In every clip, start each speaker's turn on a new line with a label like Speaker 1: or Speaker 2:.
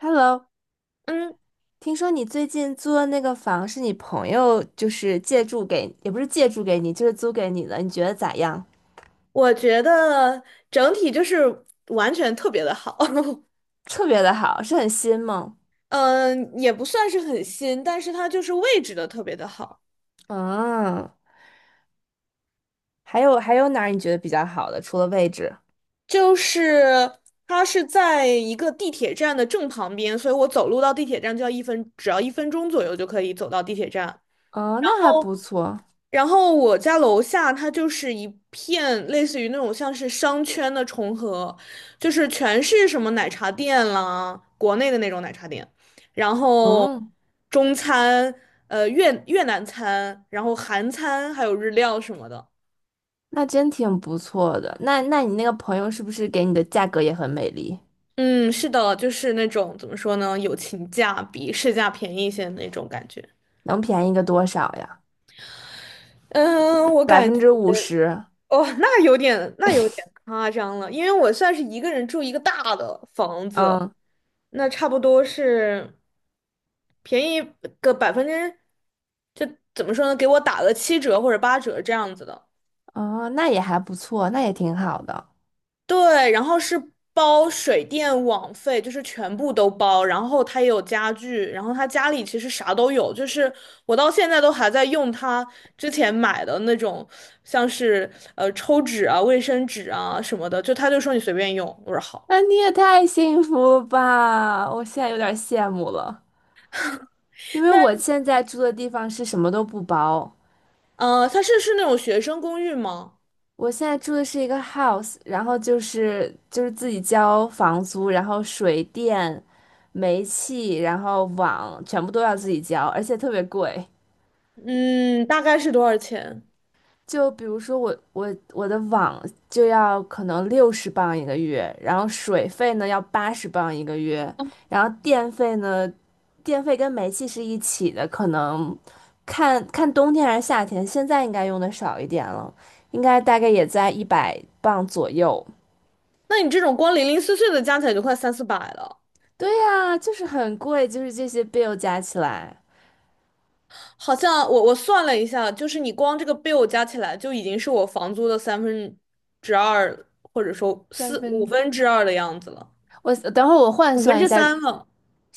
Speaker 1: Hello，
Speaker 2: 嗯，
Speaker 1: 听说你最近租的那个房是你朋友就是借住给，也不是借住给你，就是租给你的，你觉得咋样？
Speaker 2: 我觉得整体就是完全特别的好，
Speaker 1: 特别的好，是很新吗？
Speaker 2: 嗯，也不算是很新，但是它就是位置的特别的好，
Speaker 1: 嗯，还有哪儿你觉得比较好的？除了位置？
Speaker 2: 就是它是在一个地铁站的正旁边，所以我走路到地铁站就要一分，只要1分钟左右就可以走到地铁站。
Speaker 1: 哦，那还不错。
Speaker 2: 然后我家楼下它就是一片类似于那种像是商圈的重合，就是全是什么奶茶店啦，国内的那种奶茶店，然后
Speaker 1: 嗯，
Speaker 2: 中餐、越南餐，然后韩餐，还有日料什么的。
Speaker 1: 那真挺不错的。那你那个朋友是不是给你的价格也很美丽？
Speaker 2: 嗯，是的，就是那种怎么说呢，友情价比市价便宜一些的那种感觉。
Speaker 1: 能便宜个多少呀？
Speaker 2: 嗯，我
Speaker 1: 百
Speaker 2: 感觉
Speaker 1: 分之五十。
Speaker 2: 哦，那有点夸张了，因为我算是一个人住一个大的房子。
Speaker 1: 嗯，
Speaker 2: 那差不多是便宜个百分之，就怎么说呢，给我打了7折或者8折这样子的。
Speaker 1: 哦，那也还不错，那也挺好的。
Speaker 2: 对，然后是包水电网费，就是全部都包，然后他也有家具，然后他家里其实啥都有，就是我到现在都还在用他之前买的那种，像是抽纸啊、卫生纸啊什么的，就他就说你随便用，我说好。
Speaker 1: 那你也太幸福了吧！我现在有点羡慕了，因为
Speaker 2: 那
Speaker 1: 我现在住的地方是什么都不包，
Speaker 2: 他是那种学生公寓吗？
Speaker 1: 我现在住的是一个 house，然后就是自己交房租，然后水电、煤气，然后网全部都要自己交，而且特别贵。
Speaker 2: 嗯，大概是多少钱？
Speaker 1: 就比如说我的网就要可能60磅一个月，然后水费呢要80磅一个月，然后电费呢，电费跟煤气是一起的，可能看看冬天还是夏天，现在应该用的少一点了，应该大概也在100磅左右。
Speaker 2: 那你这种光零零碎碎的加起来就快三四百了，
Speaker 1: 对呀，就是很贵，就是这些 bill 加起来
Speaker 2: 好像我算了一下，就是你光这个 bill 加起来就已经是我房租的三分之二，或者说
Speaker 1: 三
Speaker 2: 四五
Speaker 1: 分，
Speaker 2: 分之二的样子了，
Speaker 1: 我等会儿我换
Speaker 2: 五分
Speaker 1: 算
Speaker 2: 之
Speaker 1: 一下。
Speaker 2: 三了。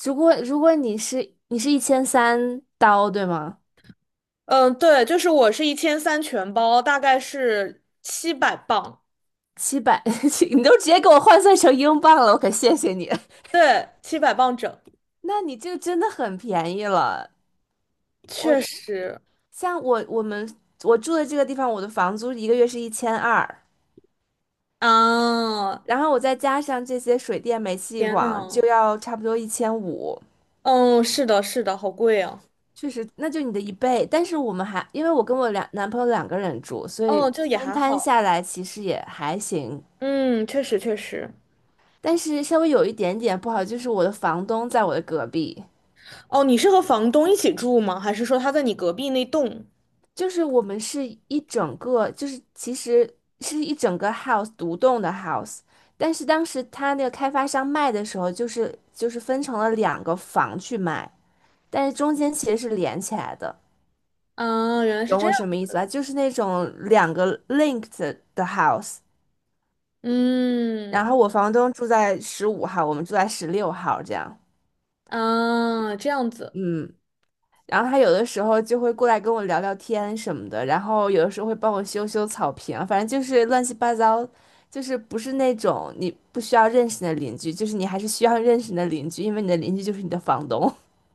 Speaker 1: 如果你是1300刀对吗？
Speaker 2: 嗯，对，就是我是1300全包，大概是七百磅，
Speaker 1: 700，你都直接给我换算成英镑了，我可谢谢你。
Speaker 2: 对，七百磅整，
Speaker 1: 那你这个真的很便宜了。我
Speaker 2: 确实
Speaker 1: 像我我们我住的这个地方，我的房租一个月是1200，
Speaker 2: 啊，
Speaker 1: 然后我再加上这些水电煤气
Speaker 2: 天
Speaker 1: 网，
Speaker 2: 呐，
Speaker 1: 就要差不多1500。
Speaker 2: 嗯，是的，是的，好贵啊，
Speaker 1: 确实，那就你的一倍。但是我们还因为我跟我两男朋友两个人住，所
Speaker 2: 哦，
Speaker 1: 以
Speaker 2: 就也
Speaker 1: 分
Speaker 2: 还
Speaker 1: 摊
Speaker 2: 好，
Speaker 1: 下来其实也还行。
Speaker 2: 嗯，确实确实。
Speaker 1: 但是稍微有一点点不好，就是我的房东在我的隔壁。
Speaker 2: 哦，你是和房东一起住吗？还是说他在你隔壁那栋？
Speaker 1: 就是我们是一整个，就是其实是一整个 house 独栋的 house，但是当时他那个开发商卖的时候，就是分成了两个房去卖，但是中间其实是连起来的，
Speaker 2: 啊，原来是
Speaker 1: 懂
Speaker 2: 这
Speaker 1: 我
Speaker 2: 样。
Speaker 1: 什么意思吧？就是那种两个 linked 的 house，然
Speaker 2: 嗯，
Speaker 1: 后我房东住在15号，我们住在16号这样，
Speaker 2: 啊，这样子，
Speaker 1: 嗯。然后他有的时候就会过来跟我聊聊天什么的，然后有的时候会帮我修修草坪啊，反正就是乱七八糟，就是不是那种你不需要认识的邻居，就是你还是需要认识的邻居，因为你的邻居就是你的房东。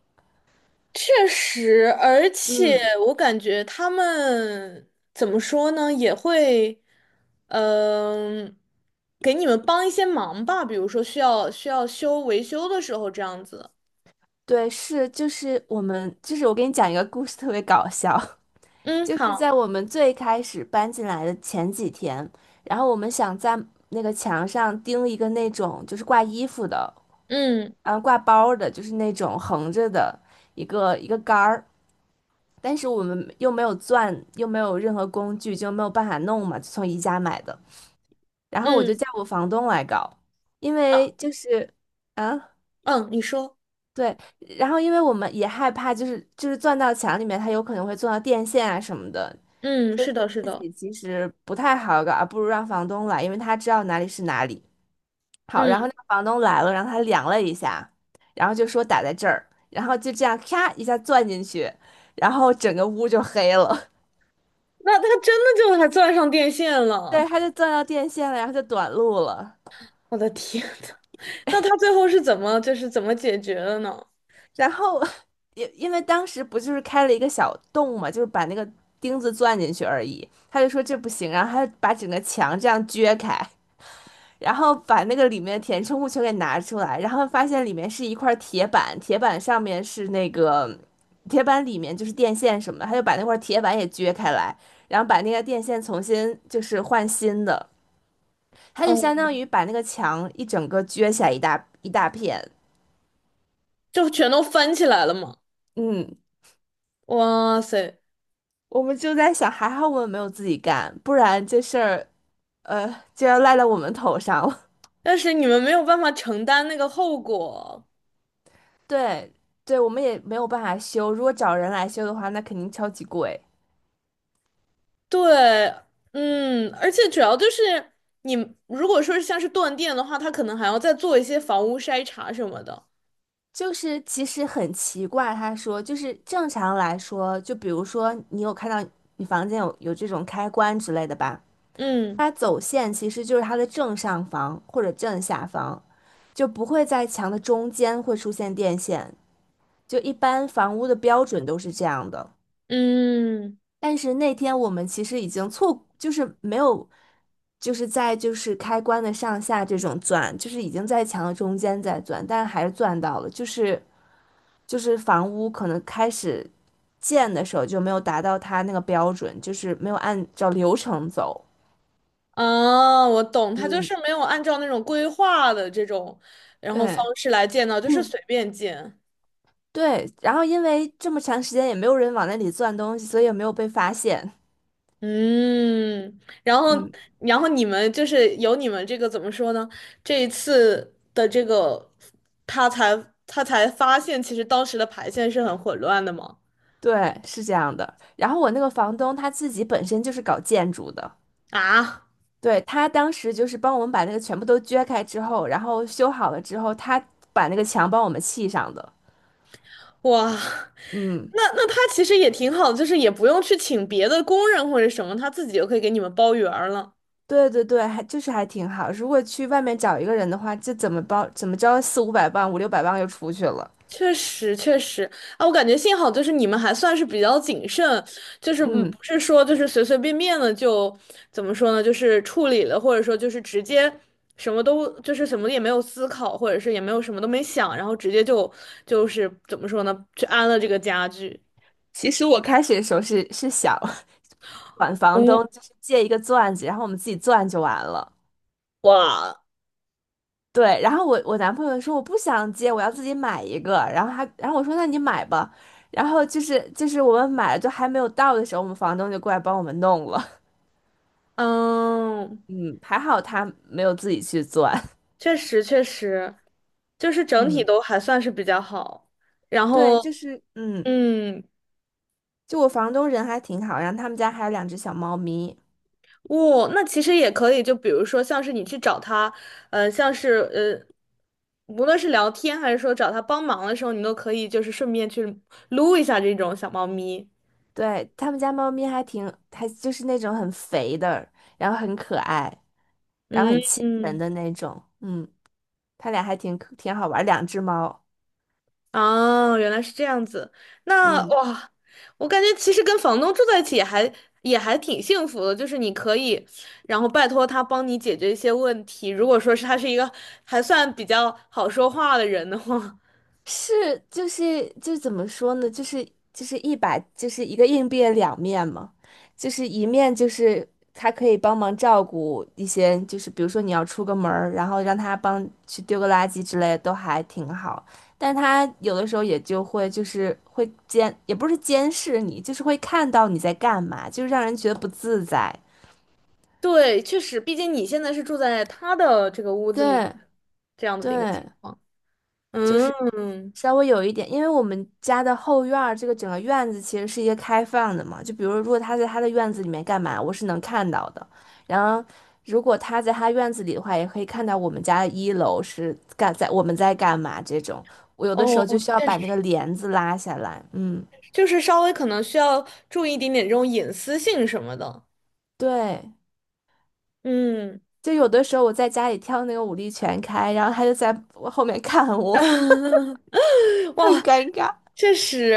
Speaker 2: 确实，而且
Speaker 1: 嗯，
Speaker 2: 我感觉他们怎么说呢，也会，嗯、给你们帮一些忙吧，比如说需要维修的时候这样子。
Speaker 1: 对，是，就是我们，就是我给你讲一个故事，特别搞笑。
Speaker 2: 嗯，
Speaker 1: 就是在
Speaker 2: 好，
Speaker 1: 我们最开始搬进来的前几天，然后我们想在那个墙上钉一个那种就是挂衣服的。
Speaker 2: 嗯
Speaker 1: 嗯，挂包儿的，就是那种横着的一个一个杆儿，但是我们又没有钻，又没有任何工具，就没有办法弄嘛，就从宜家买的。然后我就
Speaker 2: 嗯
Speaker 1: 叫我房东来搞，因
Speaker 2: 啊
Speaker 1: 为就是啊，
Speaker 2: 嗯，你说，
Speaker 1: 对。然后因为我们也害怕，就是钻到墙里面，它有可能会钻到电线啊什么的，
Speaker 2: 嗯，
Speaker 1: 就
Speaker 2: 是的，是的，
Speaker 1: 其实不太好搞，啊不如让房东来，因为他知道哪里是哪里。好，
Speaker 2: 嗯，
Speaker 1: 然后那个房东来了，然后他量了一下，然后就说打在这儿，然后就这样咔一下钻进去，然后整个屋就黑了。
Speaker 2: 那他真的就还钻上电线
Speaker 1: 对，
Speaker 2: 了，
Speaker 1: 他就钻到电线了，然后就短路了。
Speaker 2: 我的天！那他最后是怎么就是怎么解决的呢？
Speaker 1: 然后 因为当时不就是开了一个小洞嘛，就是把那个钉子钻进去而已。他就说这不行，然后他就把整个墙这样撅开。然后把那个里面填充物全给拿出来，然后发现里面是一块铁板，铁板上面是那个铁板里面就是电线什么的，他就把那块铁板也撅开来，然后把那个电线重新就是换新的，他就相
Speaker 2: 哦，
Speaker 1: 当于把那个墙一整个撅起来一大一大片。
Speaker 2: 就全都翻起来了嘛。
Speaker 1: 嗯，
Speaker 2: 哇塞！
Speaker 1: 我们就在想，还好我们没有自己干，不然这事儿呃就要赖到我们头上了。
Speaker 2: 但是你们没有办法承担那个后果。
Speaker 1: 对，对，我们也没有办法修，如果找人来修的话，那肯定超级贵。
Speaker 2: 对，嗯，而且主要就是你如果说是像是断电的话，他可能还要再做一些房屋筛查什么的。
Speaker 1: 就是其实很奇怪，他说就是正常来说，就比如说你有看到你房间有这种开关之类的吧，
Speaker 2: 嗯
Speaker 1: 它走线其实就是它的正上方或者正下方，就不会在墙的中间会出现电线，就一般房屋的标准都是这样的。
Speaker 2: 嗯
Speaker 1: 但是那天我们其实已经错，就是没有，就是在就是开关的上下这种钻，就是已经在墙的中间在钻，但是还是钻到了，就是。就是房屋可能开始建的时候就没有达到它那个标准，就是没有按照流程走。
Speaker 2: 啊，我懂，他就
Speaker 1: 嗯，
Speaker 2: 是没有按照那种规划的这种然后方
Speaker 1: 对，
Speaker 2: 式来建造，就是随便建。
Speaker 1: 对，然后因为这么长时间也没有人往那里钻东西，所以也没有被发现。
Speaker 2: 嗯，然后，
Speaker 1: 嗯，
Speaker 2: 你们就是有你们这个怎么说呢？这一次的这个，他才他才发现，其实当时的排线是很混乱的嘛。
Speaker 1: 对，是这样的。然后我那个房东他自己本身就是搞建筑的，
Speaker 2: 啊，
Speaker 1: 对，他当时就是帮我们把那个全部都撅开之后，然后修好了之后，他把那个墙帮我们砌上的。
Speaker 2: 哇，
Speaker 1: 嗯，
Speaker 2: 那那他其实也挺好的就是也不用去请别的工人或者什么，他自己就可以给你们包圆儿了。
Speaker 1: 对对对，还就是还挺好。如果去外面找一个人的话，就怎么包怎么着四五百磅、五六百磅就出去了。
Speaker 2: 确实，确实啊，我感觉幸好就是你们还算是比较谨慎，就是
Speaker 1: 嗯，
Speaker 2: 不是说就是随随便便的就怎么说呢，就是处理了，或者说就是直接什么都就是什么也没有思考，或者是也没有什么都没想，然后直接就就是怎么说呢，去安了这个家具。
Speaker 1: 其实我开始的时候是想 管房
Speaker 2: 嗯，
Speaker 1: 东，就是借一个钻子，然后我们自己钻就完了。
Speaker 2: 哇，
Speaker 1: 对，然后我男朋友说我不想借，我要自己买一个。然后他，然后我说那你买吧。然后就是我们买了，就还没有到的时候，我们房东就过来帮我们弄了。
Speaker 2: 嗯，
Speaker 1: 嗯，还好他没有自己去钻。
Speaker 2: 确实确实，就是 整体
Speaker 1: 嗯，
Speaker 2: 都还算是比较好，然
Speaker 1: 对，
Speaker 2: 后
Speaker 1: 就是嗯。
Speaker 2: 嗯，
Speaker 1: 就我房东人还挺好，然后他们家还有两只小猫咪，
Speaker 2: 哦，那其实也可以，就比如说像是你去找他，像是无论是聊天还是说找他帮忙的时候，你都可以就是顺便去撸一下这种小猫咪。
Speaker 1: 对，他们家猫咪还就是那种很肥的，然后很可爱，然后很
Speaker 2: 嗯
Speaker 1: 亲人
Speaker 2: 嗯，
Speaker 1: 的那种，嗯，他俩还挺好玩儿两只猫，
Speaker 2: 哦，原来是这样子。那
Speaker 1: 嗯。
Speaker 2: 哇，我感觉其实跟房东住在一起也还挺幸福的，就是你可以，然后拜托他帮你解决一些问题。如果说是他是一个还算比较好说话的人的话，
Speaker 1: 是，就是就怎么说呢？就是一百，就是一个硬币的两面嘛，就是一面就是他可以帮忙照顾一些，就是比如说你要出个门儿，然后让他帮去丢个垃圾之类的，都还挺好。但他有的时候也就会就是会监，也不是监视你，就是会看到你在干嘛，就让人觉得不自在。
Speaker 2: 对，确实，毕竟你现在是住在他的这个屋子里面，
Speaker 1: 对
Speaker 2: 这样子的一个情
Speaker 1: 对，
Speaker 2: 况。
Speaker 1: 就是。
Speaker 2: 嗯，
Speaker 1: 稍微有一点，因为我们家的后院儿这个整个院子其实是一个开放的嘛，就比如如果他在他的院子里面干嘛，我是能看到的。然后如果他在他院子里的话，也可以看到我们家的一楼是干在我们在干嘛这种。我有的时
Speaker 2: 哦，
Speaker 1: 候就需要
Speaker 2: 确
Speaker 1: 把那
Speaker 2: 实，
Speaker 1: 个帘子拉下来，嗯，
Speaker 2: 就是稍微可能需要注意一点点这种隐私性什么的。
Speaker 1: 对，
Speaker 2: 嗯，
Speaker 1: 就有的时候我在家里跳那个舞力全开，然后他就在我后面看我，很
Speaker 2: 哇，
Speaker 1: 尴尬。
Speaker 2: 确实，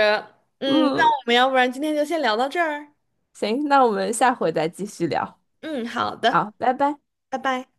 Speaker 2: 嗯，那
Speaker 1: 嗯，
Speaker 2: 我们要不然今天就先聊到这儿。
Speaker 1: 行，那我们下回再继续聊，
Speaker 2: 嗯，好
Speaker 1: 好，
Speaker 2: 的，
Speaker 1: 拜拜。
Speaker 2: 拜拜。